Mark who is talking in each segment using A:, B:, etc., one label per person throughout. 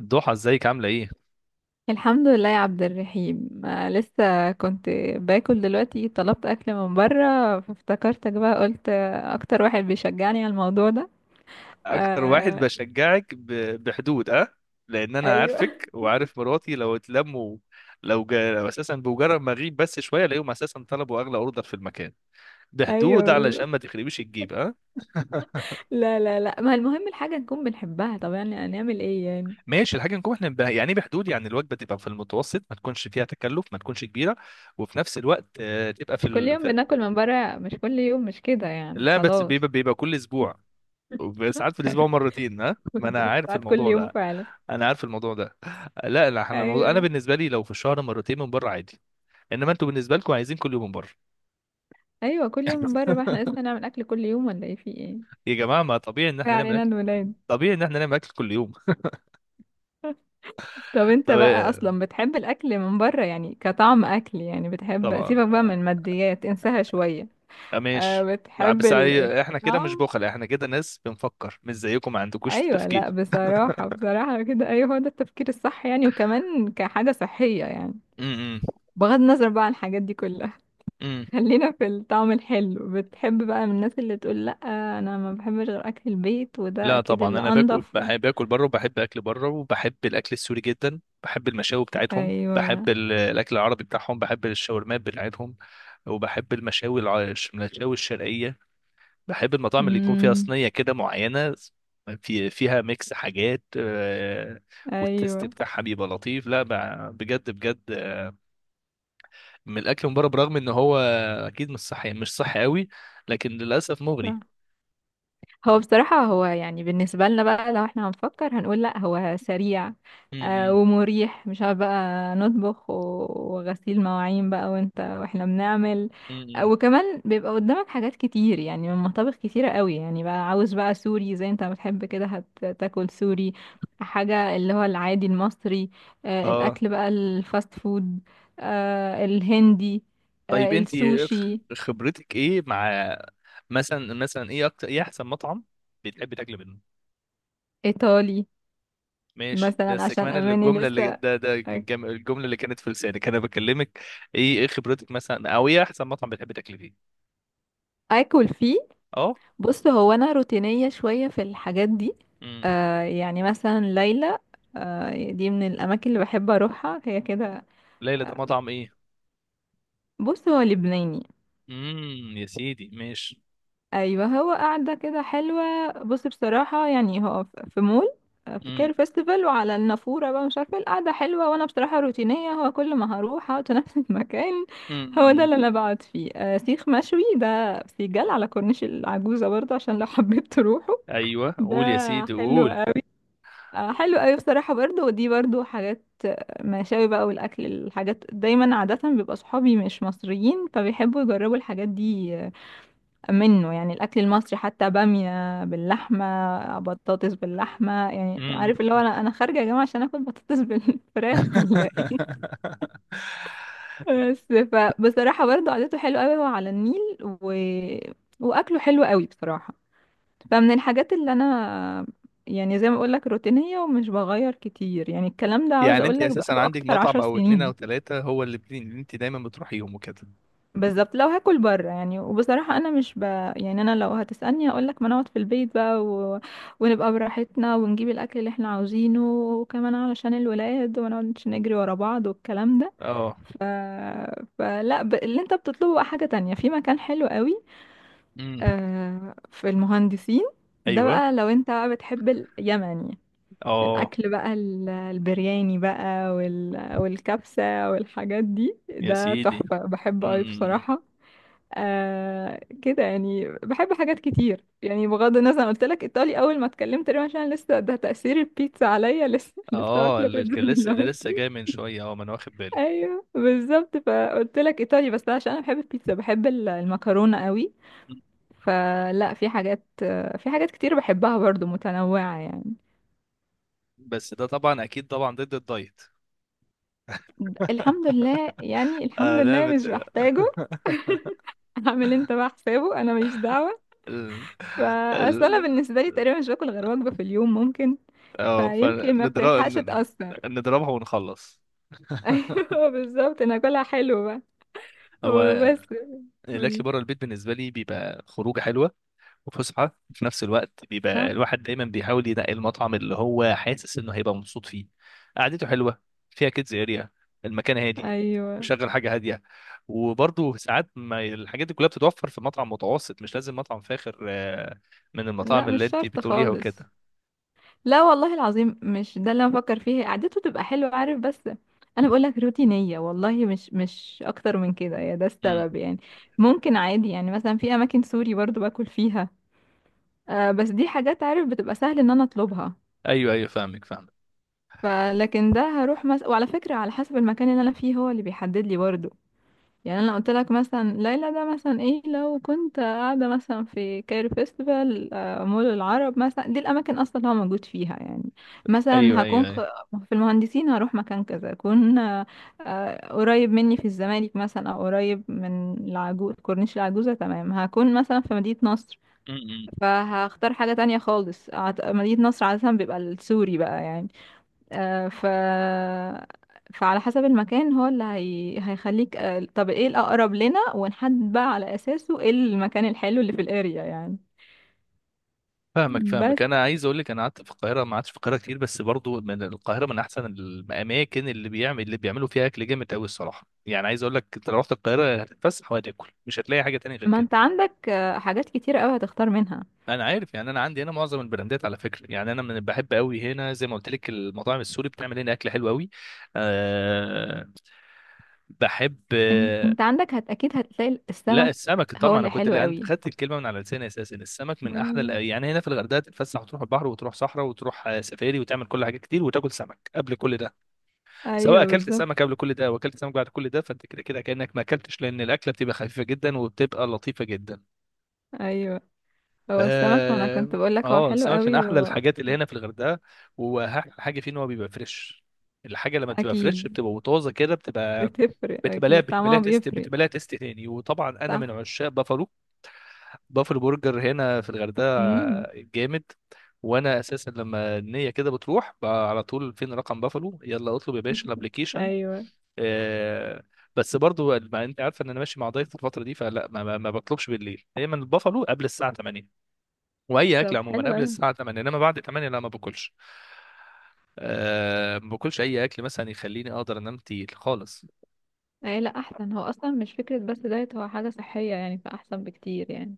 A: ضحى، ازيك؟ عامله ايه؟
B: الحمد لله يا عبد الرحيم، لسه كنت باكل دلوقتي. طلبت اكل من بره فافتكرتك بقى، قلت اكتر واحد بيشجعني على الموضوع ده.
A: اكتر واحد
B: آه.
A: بشجعك بحدود، اه. لان انا
B: ايوه.
A: عارفك وعارف مراتي لو اتلموا، لو اساسا بمجرد ما اغيب بس شويه الاقيهم اساسا طلبوا اغلى اوردر في المكان. بحدود علشان
B: ايوه،
A: ما تخربيش الجيب، اه.
B: لا لا لا، ما المهم الحاجه نكون بنحبها. طب يعني هنعمل ايه يعني؟
A: ماشي، الحاجه نكون احنا يعني ايه بحدود، يعني الوجبه تبقى في المتوسط، ما تكونش فيها تكلف، ما تكونش كبيره، وفي نفس الوقت تبقى
B: مش كل يوم بناكل من بره، مش كل يوم، مش كده يعني
A: لا بس
B: خلاص.
A: بيبقى كل اسبوع. ساعات في الاسبوع مرتين، ها، ما انا عارف
B: ساعات كل
A: الموضوع
B: يوم
A: ده.
B: فعلا.
A: انا عارف الموضوع ده. لا لا، احنا الموضوع انا
B: ايوه
A: بالنسبه لي لو في الشهر مرتين من بره عادي، انما انتوا بالنسبه لكم عايزين كل يوم من بره.
B: ايوه، كل يوم من بره بقى. احنا لسه هنعمل اكل كل يوم ولا ايه؟ في ايه؟
A: يا جماعه، ما طبيعي ان
B: ما
A: احنا نعمل
B: علينا،
A: اكل.
B: الولاد.
A: طبيعي ان احنا نعمل اكل كل يوم.
B: طب انت بقى
A: طب-
B: اصلا بتحب الاكل من بره يعني كطعم اكل؟ يعني بتحب،
A: طبعا.
B: سيبك بقى من الماديات انساها شوية.
A: آه،
B: أه،
A: ماشي. آه،
B: بتحب
A: بس احنا كده مش
B: الطعم.
A: بخل، احنا كده ناس بنفكر، مش زيكم ما عندكوش
B: ايوه، لا
A: تفكير.
B: بصراحة بصراحة كده ايوه، هو ده التفكير الصح يعني، وكمان كحاجة صحية يعني، بغض النظر بقى عن الحاجات دي كلها.
A: امم.
B: خلينا في الطعم الحلو. بتحب بقى؟ من الناس اللي تقول لا انا ما بحبش غير اكل البيت، وده
A: لا
B: اكيد
A: طبعا،
B: اللي
A: انا
B: انضف و...
A: بحب باكل بره، وبحب اكل بره، وبحب الاكل السوري جدا. بحب المشاوي بتاعتهم،
B: ايوه.
A: بحب الاكل العربي بتاعهم، بحب الشاورمات بتاعتهم، وبحب المشاوي المشاوي الشرقيه. بحب المطاعم اللي يكون فيها
B: امم.
A: صينيه كده معينه، فيها ميكس حاجات، آه، والتست
B: ايوه.
A: بتاعها بيبقى لطيف. لا بجد بجد، آه، من الاكل من بره، برغم ان هو اكيد مش صحي، مش صحي قوي، لكن للاسف مغري.
B: صح. هو بصراحة، هو يعني بالنسبة لنا بقى لو احنا هنفكر هنقول، لا هو سريع
A: م-
B: آه،
A: م-
B: ومريح، مش عارف بقى نطبخ وغسيل مواعين بقى، وانت واحنا بنعمل.
A: م- م.
B: وكمان بيبقى قدامك حاجات كتير يعني، من مطابخ كتيرة قوي. يعني بقى عاوز بقى سوري زي انت بتحب كده، هتاكل سوري. حاجة اللي هو العادي المصري، آه
A: اه.
B: الأكل بقى الفاست فود، آه الهندي،
A: طيب،
B: آه
A: انت
B: السوشي،
A: خبرتك ايه مع، مثلا، ايه اكتر، ايه احسن مطعم بتحبي تاكلي منه؟
B: إيطالي.
A: ماشي،
B: مثلا
A: بس
B: عشان
A: كمان اللي-
B: أماني
A: الجمله اللي
B: لسه
A: ده الجمله اللي كانت في لسانك انا بكلمك. ايه خبرتك مثلا، او ايه احسن مطعم بتحبي تاكلي فيه؟
B: اكل فيه.
A: اه.
B: بص، هو انا روتينيه شويه في الحاجات دي.
A: امم.
B: آه يعني مثلا ليلى، آه دي من الاماكن اللي بحب اروحها هي كده.
A: ليلى ده
B: آه،
A: مطعم ايه؟
B: بص هو لبناني.
A: امم، يا سيدي ماشي.
B: ايوه، هو قاعده كده حلوه، بص بصراحه، يعني هو في مول، في
A: امم،
B: كير فيستيفال، وعلى النافوره بقى مش عارفه القعده حلوه، وانا بصراحه روتينيه، هو كل ما هروح اقعد في نفس المكان، هو ده
A: امم.
B: اللي انا بقعد فيه. آه، سيخ مشوي ده سيجال على كورنيش العجوزه برضه، عشان لو حبيت تروحوا
A: ايوه،
B: ده.
A: قول يا سيدي،
B: حلو،
A: قول.
B: حلو قوي بصراحة برضو. ودي برضو حاجات مشاوي بقى، والأكل الحاجات دايما. عادة بيبقى صحابي مش مصريين، فبيحبوا يجربوا الحاجات دي منه. يعني الأكل المصري حتى، بامية باللحمة بطاطس باللحمة، يعني
A: امم.
B: عارف اللي هو أنا خارجة يا جماعة عشان آكل بطاطس بالفراخ؟ ولا إيه؟ بس. فبصراحة برضو عادته حلوة قوي، هو على النيل و... وأكله حلو قوي بصراحة. فمن الحاجات اللي انا، يعني زي ما اقول لك، روتينية ومش بغير كتير يعني. الكلام ده عاوز
A: يعني
B: اقول
A: انت
B: لك
A: اساسا
B: بقاله
A: عندك
B: اكتر
A: مطعم
B: عشر
A: او اتنين او
B: سنين.
A: تلاتة هو اللي اللي انت دايما بتروحيهم وكده؟
B: بالظبط، لو هاكل بره يعني. وبصراحة انا مش ب... يعني انا لو هتسألني اقول لك ما نقعد في البيت بقى و... ونبقى براحتنا، ونجيب الاكل اللي احنا عاوزينه، وكمان علشان الولاد ونقعد نجري ورا بعض والكلام ده.
A: اه.
B: ف... فلا ب... اللي انت بتطلبه بقى حاجة تانية، في مكان حلو قوي
A: امم.
B: في المهندسين. ده
A: ايوه.
B: بقى لو انت بقى بتحب اليمني،
A: اه،
B: الأكل بقى البرياني بقى، والكبسة والحاجات دي،
A: يا
B: ده
A: سيدي.
B: تحفة، بحب
A: امم،
B: أوي بصراحة. آه كده يعني، بحب حاجات كتير يعني، بغض النظر. أنا قلت لك إيطالي أول ما اتكلمت تقريبا عشان لسه ده تأثير البيتزا عليا، لسه لسه
A: اه،
B: واكلة بيتزا
A: اللي لسه
B: دلوقتي.
A: جاي من شويه، اه، ما انا واخد بالي.
B: أيوه بالظبط، فقلت لك إيطالي، بس ده عشان أنا بحب البيتزا، بحب المكرونة أوي.
A: مم.
B: فلا، في حاجات، في حاجات كتير بحبها برضو، متنوعة يعني.
A: بس ده طبعا اكيد طبعا ضد الدايت.
B: الحمد لله يعني، الحمد
A: آه،
B: لله مش محتاجه. هعمل انت بقى حسابه، انا ماليش دعوه.
A: ال...
B: فاصل انا
A: ال...
B: بالنسبه لي تقريبا مش باكل غير وجبه في اليوم، ممكن
A: اه،
B: فيمكن ما
A: فنضرب.
B: بتلحقش تاثر.
A: نضربها ونخلص.
B: ايوه بالظبط، انا اكلها حلو بقى
A: هو
B: وبس.
A: الاكل
B: قولي.
A: بره البيت بالنسبه لي بيبقى خروجه حلوه، وفسحه، في نفس الوقت بيبقى
B: صح.
A: الواحد دايما بيحاول ينقي المطعم اللي هو حاسس انه هيبقى مبسوط فيه. قعدته حلوه، فيها كيدز اريا، المكان هادي،
B: ايوه.
A: مشغل حاجه هاديه. وبرضه ساعات ما الحاجات دي كلها بتتوفر في مطعم متوسط، مش لازم مطعم فاخر، آه، من
B: لا
A: المطاعم
B: مش
A: اللي انت
B: شرط
A: بتقوليها
B: خالص،
A: وكده.
B: لا والله العظيم، مش ده اللي انا بفكر فيه. قعدته تبقى حلوه عارف، بس انا بقول لك روتينيه والله، مش اكتر من كده، يا ده
A: امم.
B: السبب يعني. ممكن عادي يعني، مثلا في اماكن سوري برضو باكل فيها، آه بس دي حاجات عارف بتبقى سهل ان انا اطلبها.
A: ايوه، ايوه، فاهمك، فاهمك.
B: فلكن ده هروح مثلا، وعلى فكرة على حسب المكان اللي انا فيه هو اللي بيحدد لي برضه يعني. انا قلت لك مثلا ليلى ده، مثلا ايه، لو كنت قاعدة مثلا في كايرو فيستيفال، مول العرب مثلا، دي الاماكن اصلا اللي هو موجود فيها يعني.
A: ايوه،
B: مثلا هكون خ...
A: ايوه،
B: في المهندسين هروح مكان كذا، اكون قريب مني في الزمالك مثلا، او قريب من العجوز، كورنيش العجوزة. تمام، هكون مثلا في مدينة نصر
A: ايوه،
B: فهختار حاجة تانية خالص. عت- مدينة نصر عادة بيبقى السوري بقى يعني. ف، فعلى حسب المكان هو اللي هي... هيخليك طب ايه الأقرب لنا، ونحدد بقى على أساسه ايه المكان الحلو اللي في الاريا يعني.
A: فاهمك، فاهمك.
B: بس
A: انا عايز اقول لك، انا قعدت في القاهره، ما قعدتش في القاهره كتير، بس برضو من القاهره، من احسن الاماكن اللي بيعمل، اللي بيعملوا فيها اكل جامد قوي الصراحه. يعني عايز اقول لك، انت لو رحت القاهره هتتفسح وهتاكل، مش هتلاقي حاجه تانية غير
B: ما
A: كده.
B: انت عندك حاجات كتير قوي هتختار منها.
A: انا عارف، يعني انا عندي هنا معظم البراندات على فكره، يعني انا من بحب قوي هنا، زي ما قلت لك، المطاعم السوري بتعمل هنا اكل حلو قوي. أه. بحب.
B: انت عندك هت... اكيد هتلاقي
A: لا،
B: السمك،
A: السمك
B: هو
A: طبعا، انا
B: اللي
A: كنت،
B: حلو
A: انت
B: قوي.
A: خدت الكلمه من على لساني اساسا. السمك من احلى
B: مم.
A: يعني هنا في الغردقه تتفسح، وتروح البحر، وتروح صحراء، وتروح، آه، سفاري، وتعمل كل حاجه كتير، وتاكل سمك قبل كل ده. سواء
B: ايوه
A: اكلت
B: بالظبط.
A: سمك قبل كل ده واكلت سمك بعد كل ده، فانت كده كده كانك ما اكلتش، لان الاكله بتبقى خفيفه جدا وبتبقى لطيفه جدا.
B: ايوه، هو السمك ما انا كنت
A: اه.
B: بقول لك هو حلو
A: السمك من
B: قوي.
A: احلى الحاجات اللي هنا في الغردقه. واحلى حاجه فيه ان هو بيبقى فريش. الحاجه لما بتبقى فريش
B: واكيد
A: بتبقى وطازه كده، بتبقى،
B: بتفرق،
A: بتبقى لها
B: اكيد
A: بتبقى لها
B: طعمها
A: تيست،
B: بيفرق.
A: بتبقى لها تيست تاني. وطبعا انا من
B: صح.
A: عشاق بافالو. بافلو برجر هنا في الغردقه
B: امم.
A: جامد. وانا اساسا لما النيه كده بتروح بقى على طول، فين رقم بافلو، يلا اطلب يا باشا الابليكيشن.
B: ايوه.
A: آه. بس برضو ما انت عارفه ان انا ماشي مع ضيف الفتره دي، فلا ما بطلبش بالليل، دايما البافلو قبل الساعه 8، واي اكل
B: طب
A: عموما
B: حلو
A: قبل
B: قوي.
A: الساعه 8، انما بعد 8 لا، ما باكلش. ما باكلش اي اكل مثلا يخليني اقدر انام تقيل خالص.
B: ايه لا احسن، هو اصلا مش فكرة بس دايت، هو حاجة صحية يعني، فاحسن بكتير يعني.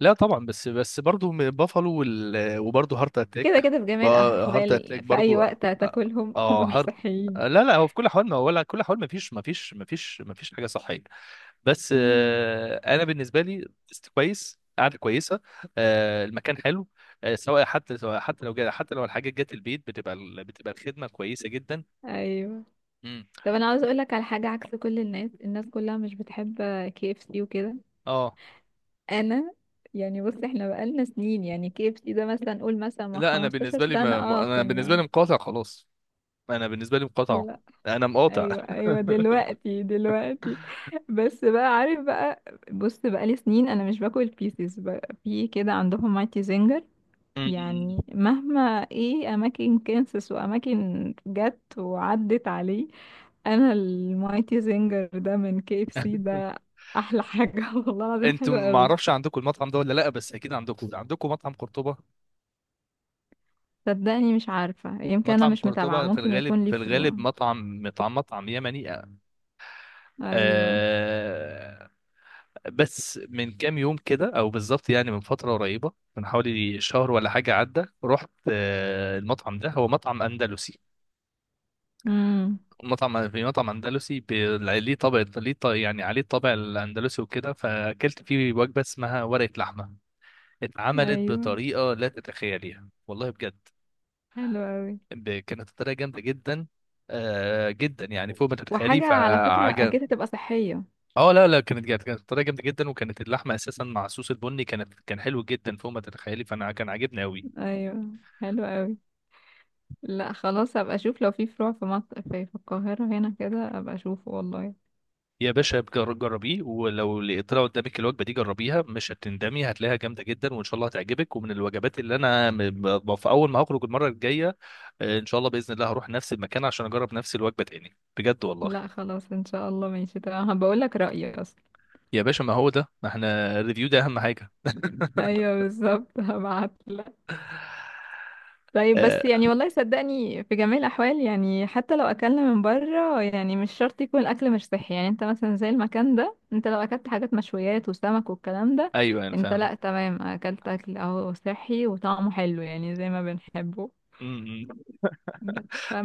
A: لا طبعا، بس، برضه بافالو وبرضه هارت
B: كده
A: اتاك.
B: كده في
A: بقى-
B: جميع
A: هارت اتاك
B: الاحوال في اي
A: برضه.
B: وقت هتاكلهم،
A: اه،
B: هم مش
A: هارد.
B: صحيين.
A: لا لا، هو في كل حال ما، ولا كل حال، ما فيش، حاجه صحيه. بس،
B: مم.
A: آه، انا بالنسبه لي كويس، قعده كويسه. آه، المكان حلو. آه، سواء، حتى لو جا، حتى لو الحاجات جت البيت، بتبقى بتبقى الخدمه كويسه جدا.
B: ايوه.
A: امم.
B: طب انا عاوز اقولك على حاجة، عكس كل الناس، الناس كلها مش بتحب كي اف سي وكده.
A: اه.
B: انا يعني بص، احنا بقالنا سنين يعني، كي اف سي ده مثلا قول مثلا من
A: لا، انا
B: 15
A: بالنسبه لي
B: سنة اه
A: انا بالنسبه لي
B: كنا.
A: مقاطع خلاص. انا بالنسبه لي مقاطع. انا مقاطع.
B: ايوه ايوه، دلوقتي دلوقتي. بس بقى عارف بقى، بص، بقى لي سنين انا مش باكل بيسز بقى. في كده عندهم مايتي زنجر،
A: مم.
B: يعني مهما، ايه اماكن كانسس واماكن جت وعدت عليه. انا المايتي زنجر ده من كي اف سي ده احلى حاجه. والله العظيم
A: انتوا
B: حلو
A: ما
B: قوي.
A: اعرفش عندكم المطعم ده ولا لا، بس اكيد عندكم، مطعم قرطبة.
B: صدقني مش عارفه، يمكن انا
A: مطعم
B: مش متابعه،
A: قرطبة في
B: ممكن
A: الغالب،
B: يكون ليه فروع.
A: مطعم، مطعم يمني.
B: ايوه.
A: آه. بس من كام يوم كده، او بالظبط يعني من فترة قريبة، من حوالي شهر ولا حاجة عدى، رحت، آه، المطعم ده هو مطعم اندلسي.
B: امم.
A: في مطعم اندلسي، ليه طابع، يعني عليه الطابع الاندلسي وكده، فاكلت فيه وجبة اسمها ورقة لحمة. اتعملت
B: ايوه.
A: بطريقة لا تتخيليها والله بجد.
B: حلو قوي.
A: كانت الطريقه جامده جدا، آه، جدا، يعني فوق ما تتخيلي،
B: وحاجة على فكرة
A: فعجب.
B: أكيد هتبقى صحية.
A: اه، لا لا، كانت جامده، كانت الطريقه جامده جدا، وكانت اللحمه اساسا مع الصوص البني، كانت، كان حلو جدا فوق ما تتخيلي، فانا كان عاجبني قوي.
B: أيوة. حلو قوي. لا خلاص، هبقى أشوف لو في فروع في مصر، في في القاهرة هنا كده أبقى أشوفه والله.
A: يا باشا، جربيه، ولو لقيت طلع قدامك الوجبه دي، جربيها، مش هتندمي، هتلاقيها جامده جدا، وان شاء الله هتعجبك، ومن الوجبات اللي انا في اول ما هخرج المره الجايه، آه، ان شاء الله باذن الله هروح نفس المكان عشان اجرب نفس الوجبه تاني، بجد والله.
B: لا خلاص إن شاء الله، ماشي تمام، هبقول لك رأيي أصلا.
A: يا باشا، ما هو ده، ما احنا الريفيو ده اهم حاجه.
B: أيوة بالظبط. هبعت. طيب بس
A: آه،
B: يعني والله صدقني في جميع الأحوال يعني، حتى لو أكلنا من بره يعني مش شرط يكون الأكل مش صحي. يعني انت مثلا زي المكان ده، انت لو أكلت حاجات مشويات وسمك والكلام ده،
A: ايوه انا
B: انت
A: فاهم.
B: لأ تمام، أكلت أكل أهو صحي وطعمه حلو يعني زي ما بنحبه.
A: أمم.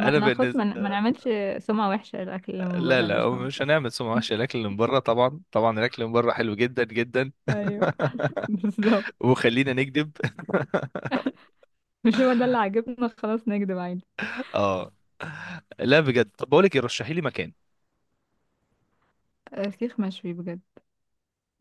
A: انا
B: ناخد، ما
A: بالنسبه.
B: نعملش سمعة وحشة للأكل اللي من
A: لا
B: بره
A: لا،
B: لو
A: هو
B: سمحت.
A: مش هنعمل سمعة وحشه الاكل اللي من بره، طبعا، طبعا الاكل اللي من بره حلو جدا جدا.
B: ايوه بالظبط،
A: وخلينا نكذب.
B: مش هو ده اللي عاجبنا خلاص، نكدب عادي.
A: اه. لا بجد، طب بقول لك إيه، رشحي لي مكان.
B: سيخ مشوي بجد.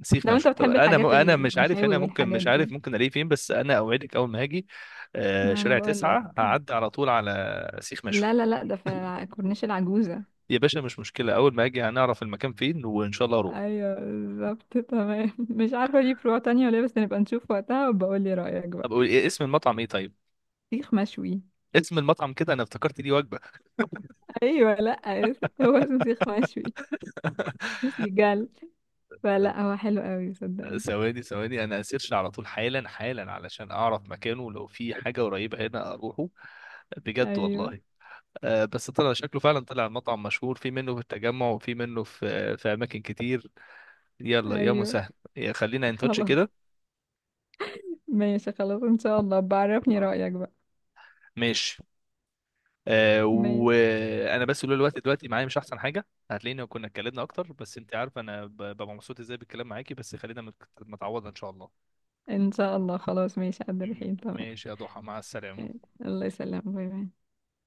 A: سيخ
B: لو انت
A: مشوي. طب
B: بتحب
A: انا
B: الحاجات
A: انا مش عارف
B: المشاوي
A: هنا، ممكن
B: والحاجات
A: مش عارف
B: دي،
A: ممكن الاقيه فين، بس انا اوعدك اول ما هاجي، آه،
B: ما انا
A: شارع
B: بقول لك.
A: تسعة هعدي على طول على سيخ
B: لا
A: مشوي.
B: لا لا، ده في كورنيش العجوزة.
A: يا باشا مش مشكله، اول ما اجي هنعرف المكان فين وان شاء الله اروح.
B: ايوه بالظبط تمام. مش عارفة ليه فروع تانية ولا إيه؟ بس نبقى نشوف وقتها، وبقول لي رأيك بقى.
A: طب إيه اسم المطعم، ايه طيب.
B: سيخ مشوي.
A: اسم المطعم كده انا افتكرت ليه وجبه.
B: ايوه لا. هو اسمه سيخ مشوي. مش بيجل. فلا هو حلو قوي صدقني.
A: ثواني، ثواني، انا هسيرش على طول حالا حالا علشان اعرف مكانه، لو في حاجه قريبه هنا اروحه، بجد
B: ايوه
A: والله. آه، بس طلع شكله فعلا، طلع مطعم مشهور، في منه في التجمع وفي منه في في اماكن كتير. يلا يا
B: ايوه
A: مسهل، يا خلينا ان تاتش
B: خلاص،
A: كده.
B: ماشي خلاص ان شاء الله، بعرفني
A: آه.
B: رأيك بقى.
A: ماشي. آه،
B: ماشي،
A: وانا بس، لولا الوقت دلوقتي معايا مش احسن حاجه، هتلاقينا كنا اتكلمنا اكتر، بس انت عارفه انا ببقى مبسوط ازاي بالكلام معاكي، بس خلينا متعوضه ان شاء الله.
B: ان شاء الله. خلاص ماشي قد الحين، تمام.
A: ماشي يا ضحى، مع السلامه.
B: الله يسلمك، باي باي.